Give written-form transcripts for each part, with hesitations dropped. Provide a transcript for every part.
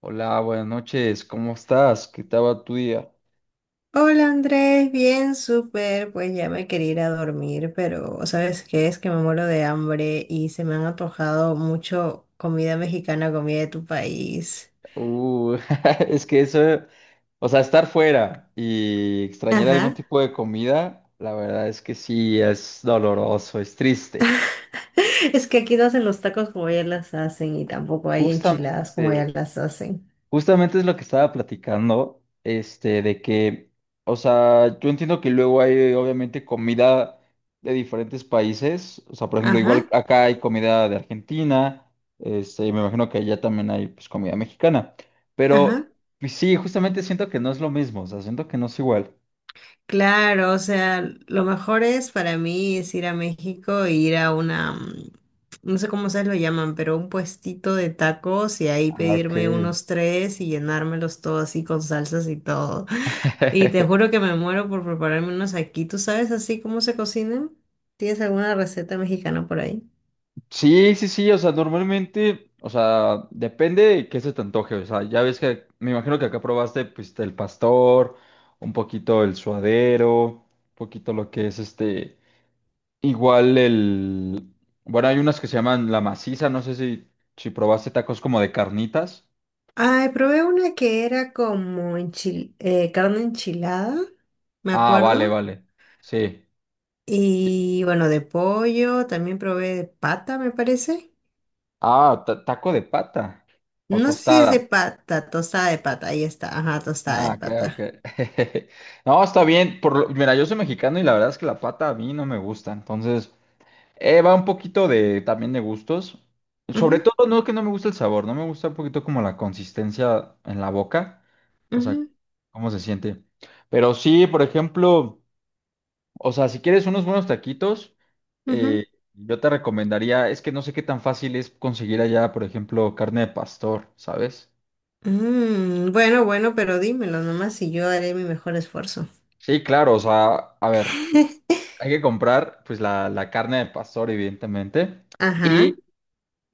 Hola, buenas noches, ¿cómo estás? ¿Qué tal va tu día? Hola Andrés, bien, súper. Pues ya me quería ir a dormir, pero ¿sabes qué? Es que me muero de hambre y se me han antojado mucho comida mexicana, comida de tu país. Uh, es que eso, o sea, estar fuera y extrañar algún Ajá. tipo de comida, la verdad es que sí, es doloroso, es triste. Es que aquí no hacen los tacos como allá las hacen y tampoco hay enchiladas como allá Justamente, las hacen. Justamente es lo que estaba platicando, de que, o sea, yo entiendo que luego hay obviamente comida de diferentes países, o sea, por ejemplo, Ajá, igual acá hay comida de Argentina, y me imagino que allá también hay pues comida mexicana, pero ajá. pues, sí, justamente siento que no es lo mismo, o sea, siento que no es igual. Claro, o sea, lo mejor es para mí es ir a México e ir a una, no sé cómo se lo llaman, pero un puestito de tacos y ahí Ah, ok. pedirme unos tres y llenármelos todo así con salsas y todo. Y te juro que me muero por prepararme unos aquí. ¿Tú sabes así cómo se cocinan? ¿Tienes alguna receta mexicana por ahí? Sí, sí, sí, o sea, normalmente, o sea, depende de qué se te antoje, o sea, ya ves que me imagino que acá probaste pues el pastor, un poquito el suadero, un poquito lo que es igual el, bueno, hay unas que se llaman la maciza, no sé si probaste tacos como de carnitas. Ay, probé una que era como carne enchilada, me Ah, vale, acuerdo. vale, sí. Sí. Y bueno, de pollo, también probé de pata, me parece. Ah, taco de pata o No sé si es tostada. de pata, tostada de pata, ahí está, ajá, tostada de Ah, ok, ok. pata. No, está bien. Mira, yo soy mexicano y la verdad es que la pata a mí no me gusta. Entonces, va un poquito de también de gustos. Sobre Ujú, todo, no que no me gusta el sabor, no me gusta un poquito como la consistencia en la boca. O sea, ujú, cómo se siente. Pero sí, por ejemplo, o sea, si quieres unos buenos taquitos, ujú. eh, yo te recomendaría, es que no sé qué tan fácil es conseguir allá, por ejemplo, carne de pastor, ¿sabes? Bueno, bueno, pero dímelo nomás y yo haré mi mejor esfuerzo. Sí, claro, o sea, a ver, hay que comprar pues la carne de pastor, evidentemente, Ajá. y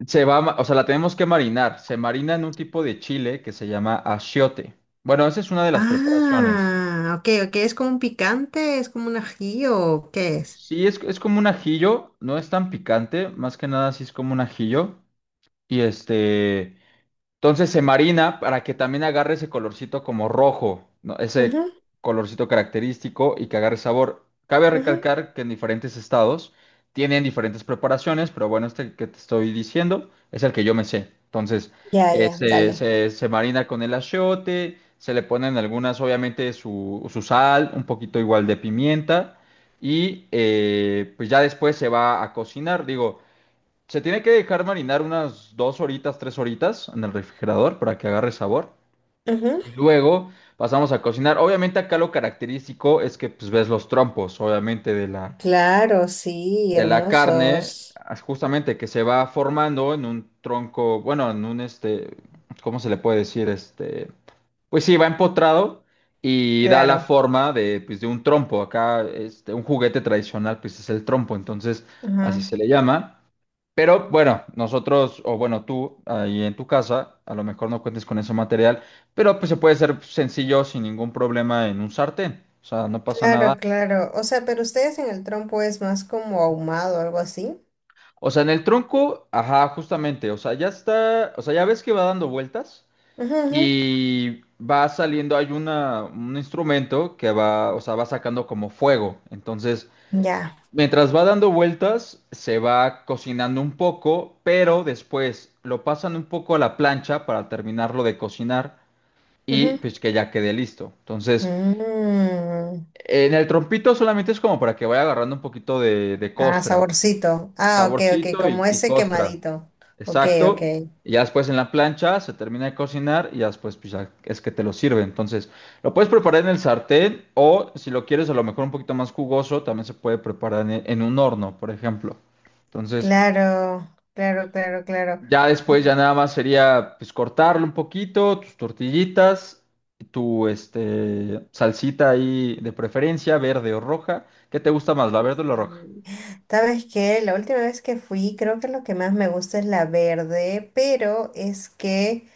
se va, o sea, la tenemos que marinar. Se marina en un tipo de chile que se llama achiote. Bueno, esa es una de las preparaciones. Ah, ok, ok, es como un picante, es como un ají o qué es. Sí, es como un ajillo, no es tan picante, más que nada sí es como un ajillo. Y este, Entonces se marina para que también agarre ese colorcito como rojo, ¿no? Ese colorcito característico y que agarre sabor. Cabe Ujú, ujú. recalcar que en diferentes estados tienen diferentes preparaciones, pero bueno, este que te estoy diciendo es el que yo me sé. Entonces, Ya, ya, se, dale. se- se marina con el achiote, se le ponen algunas, obviamente, su sal, un poquito igual de pimienta, y pues ya después se va a cocinar. Digo, se tiene que dejar marinar unas dos horitas, tres horitas en el refrigerador para que agarre sabor. Ujú. Y luego pasamos a cocinar. Obviamente acá lo característico es que pues, ves los trompos, obviamente, de la, Claro, sí, de la carne, hermosos. Justamente que se va formando en un tronco, bueno, ¿cómo se le puede decir? Pues sí, va empotrado y da la Claro. forma de, pues, de un trompo. Acá, un juguete tradicional, pues es el trompo, entonces así se Ujú. le llama. Pero bueno, nosotros, o bueno, tú ahí en tu casa, a lo mejor no cuentes con ese material, pero pues se puede hacer sencillo sin ningún problema en un sartén, o sea, no pasa Claro, nada. claro. O sea, pero ustedes en el trompo es más como ahumado o algo así. O sea, en el tronco, ajá, justamente, o sea, ya está, o sea, ya ves que va dando vueltas Ujú, ujú. y va saliendo, hay un instrumento que va, o sea, va sacando como fuego, entonces. Ya. Mientras va dando vueltas, se va cocinando un poco, pero después lo pasan un poco a la plancha para terminarlo de cocinar. Y Ujú. pues que ya quede listo. Entonces, Mm. en el trompito solamente es como para que vaya agarrando un poquito de Ah, costra, saborcito. Ah, ok, ok, saborcito y, como y ese costra. quemadito. Ok, ok. Exacto. Y ya después en la plancha se termina de cocinar y ya después pues, ya es que te lo sirve. Entonces, lo puedes preparar en el sartén o si lo quieres a lo mejor un poquito más jugoso, también se puede preparar en, un horno, por ejemplo. Entonces, Claro, claro, claro, claro. ya después ya nada más sería pues cortarlo un poquito, tus tortillitas, tu salsita ahí de preferencia, verde o roja. ¿Qué te gusta más, la verde o la roja? Sí. ¿Sabes qué? La última vez que fui, creo que lo que más me gusta es la verde, pero es que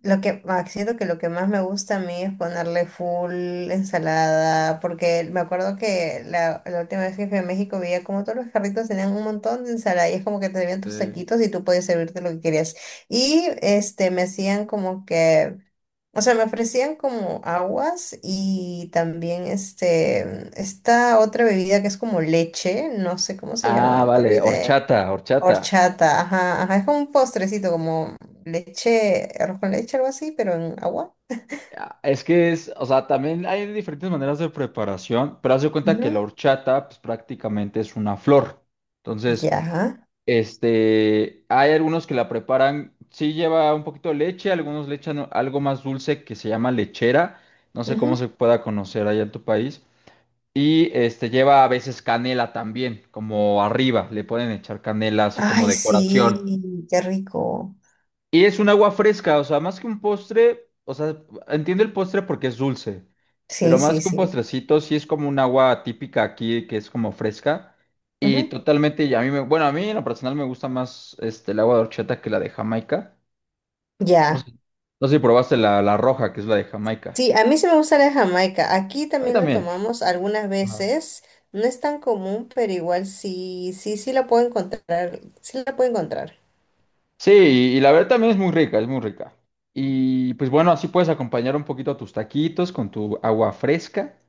lo que siento que lo que más me gusta a mí es ponerle full ensalada, porque me acuerdo que la última vez que fui a México veía como todos los carritos tenían un montón de ensalada y es como que te servían tus Este, taquitos y tú podías servirte lo que querías. Y este me hacían como que, o sea, me ofrecían como aguas y también este esta otra bebida que es como leche, no sé cómo se Ah, llama, me vale, olvidé. horchata, horchata. Horchata, ajá, ajá. Es como un postrecito, como leche, arroz con leche, algo así, pero en agua. Ah, es que es, o sea, también hay diferentes maneras de preparación, pero haz de cuenta que Ujú. la horchata pues prácticamente es una flor. Entonces, Ya. Hay algunos que la preparan, sí lleva un poquito de leche, algunos le echan algo más dulce que se llama lechera, no sé cómo Ujú. se pueda conocer allá en tu país. Y lleva a veces canela también, como arriba, le pueden echar canela así como Ay, decoración. sí, qué rico. Y es un agua fresca, o sea, más que un postre, o sea, entiendo el postre porque es dulce, pero Sí, más sí, que un sí. postrecito, sí es como un agua típica aquí que es como fresca y Ujú, totalmente, y a mí me, bueno, a mí en lo personal me gusta más el agua de horchata que la de Jamaica. No sé, ya. no sé si probaste la roja, que es la de Jamaica. Sí, a mí sí me gusta la de Jamaica. Aquí A mí también la también. tomamos algunas Ah. veces. No es tan común, pero igual sí, sí, sí la puedo encontrar. Sí la puedo encontrar. Sí, y la verdad también es muy rica, es muy rica. Y pues bueno, así puedes acompañar un poquito a tus taquitos con tu agua fresca.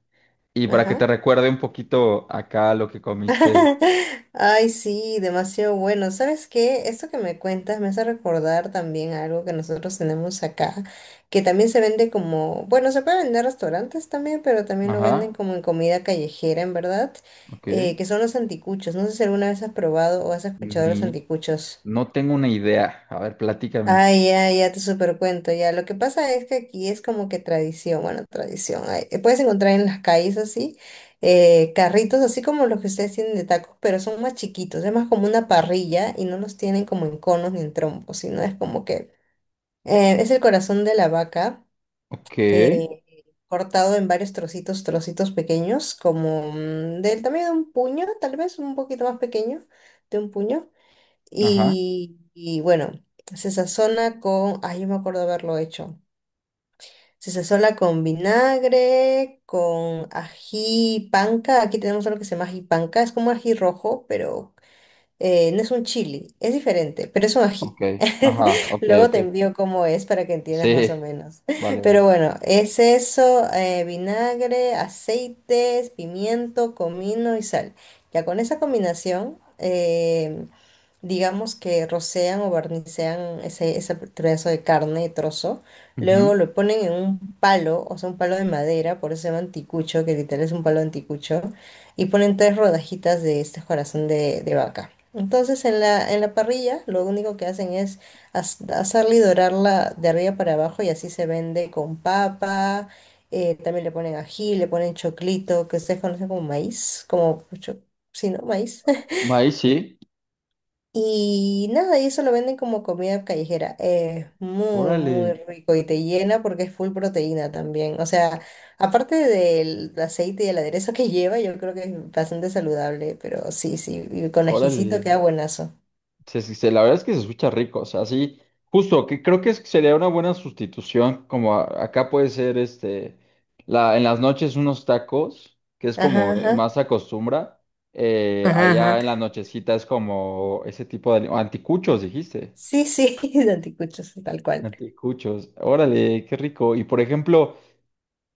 Y para que te Ajá. recuerde un poquito acá lo que comiste. Ay, sí, demasiado bueno. ¿Sabes qué? Esto que me cuentas me hace recordar también algo que nosotros tenemos acá, que también se vende como, bueno, se puede vender en restaurantes también, pero también lo venden Ajá, como en comida callejera, en verdad, ok. que son los anticuchos. No sé si alguna vez has probado o has escuchado de los Ni, anticuchos. No tengo una idea. A ver, platícame. Ah, ya, ya te supercuento, ya. Lo que pasa es que aquí es como que tradición, bueno, tradición. Ay, puedes encontrar en las calles así, carritos así como los que ustedes tienen de tacos, pero son más chiquitos, es más como una parrilla y no los tienen como en conos ni en trompos, sino es como que es el corazón de la vaca, Ok, eh, cortado en varios trocitos, trocitos pequeños, como del tamaño de un puño, tal vez un poquito más pequeño de un puño ajá, y bueno, se sazona con, ay, yo me acuerdo haberlo hecho. Se sazona con vinagre, con ají panca. Aquí tenemos algo que se llama ají panca. Es como ají rojo, pero no es un chili. Es diferente, pero es un ok, ají. ajá, ok, Luego ok. te envío cómo es para que Sí, entiendas más o menos. vale, vale. Pero bueno, es eso, vinagre, aceites, pimiento, comino y sal. Ya con esa combinación, digamos que rocean o barnicean ese pedazo de carne, trozo, luego Ujú. lo ponen en un palo, o sea, un palo de madera, por eso se llama anticucho, que literal es un palo de anticucho, y ponen tres rodajitas de este corazón de vaca. Entonces en la parrilla lo único que hacen es hacerla y dorarla de arriba para abajo y así se vende con papa, también le ponen ají, le ponen choclito, que ustedes conocen como maíz, como, sí, ¿no? Maíz. Maíz, sí. Y nada, y eso lo venden como comida callejera. Es muy, muy Órale, rico y te llena porque es full proteína también. O sea, aparte del aceite y el aderezo que lleva, yo creo que es bastante saludable, pero sí, sí, y con ajicito órale. queda buenazo. Sí, sí, sí, la verdad es que se escucha rico, o sea, sí, justo, que creo que sería una buena sustitución, como acá puede ser, en las noches unos tacos, que es Ajá, como ajá. más acostumbra, Ajá, ajá. allá en la nochecita es como ese tipo de, anticuchos, dijiste, Sí, sí, de anticuchos, tal cual. anticuchos, órale, qué rico, y por ejemplo,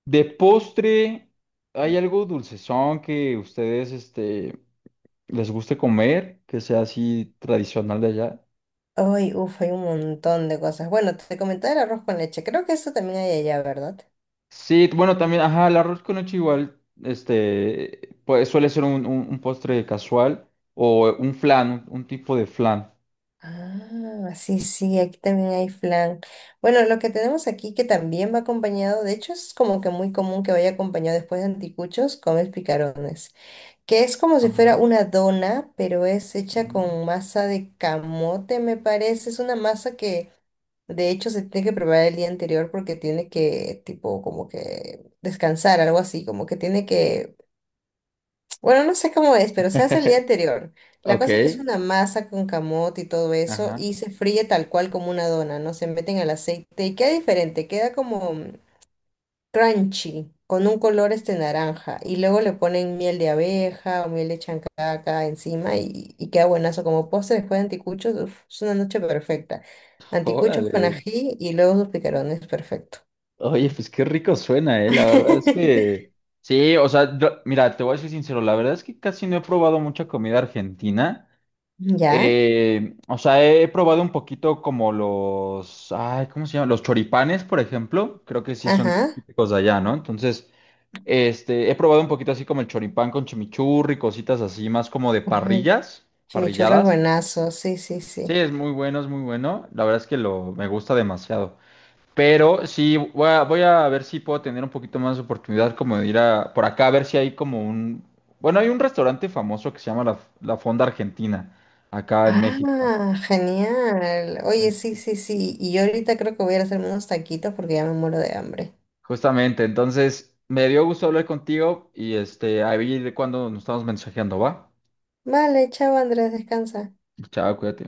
de postre, ¿hay algo dulcezón que ustedes, les guste comer, que sea así tradicional de allá? Ay, uff, hay un montón de cosas. Bueno, te comentaba el arroz con leche. Creo que eso también hay allá, ¿verdad? Sí, bueno, también, ajá, el arroz con leche igual, pues suele ser un postre casual o un flan, un tipo de flan. Ah, sí, sí, aquí también hay flan. Bueno, lo que tenemos aquí que también va acompañado, de hecho es como que muy común que vaya acompañado después de anticuchos, comes picarones, que es como si Ajá, fuera una dona, pero es hecha onda. con masa de camote, me parece. Es una masa que de hecho se tiene que preparar el día anterior porque tiene que, tipo, como que descansar, algo así, como que tiene que, bueno, no sé cómo es, pero se hace el día anterior. La Ok, cosa es que es una masa con camote y todo eso ajá, y se fríe tal cual como una dona, ¿no? Se meten al aceite y queda diferente, queda como crunchy, con un color este naranja. Y luego le ponen miel de abeja o miel de chancaca encima y queda buenazo como postre después de anticuchos. Uf, es una noche perfecta. Anticuchos con órale. ají y luego sus picarones, perfecto. Oye, pues qué rico suena, la verdad es que, sí, o sea, mira, te voy a ser sincero, la verdad es que casi no he probado mucha comida argentina. ¿Ya? O sea, he probado un poquito como ay, ¿cómo se llama? Los choripanes, por ejemplo, creo que sí son Ajá. típicos de allá, ¿no? Entonces. He probado un poquito así como el choripán con chimichurri, cositas así, más como de Uy, parrillas, chimichurri es parrilladas. buenazo, sí, sí, Sí, sí. es muy bueno, es muy bueno. La verdad es que me gusta demasiado. Pero sí, voy a ver si puedo tener un poquito más de oportunidad como de por acá a ver si hay como un. Bueno, hay un restaurante famoso que se llama La Fonda Argentina, acá en México. Ah, genial. Oye, En- sí, sí, sí. Y yo ahorita creo que voy a ir a hacerme unos taquitos porque ya me muero de hambre. Justamente, entonces me dio gusto hablar contigo y ahí cuando nos estamos mensajeando, ¿va? Vale, chao Andrés, descansa. Chao, cuídate.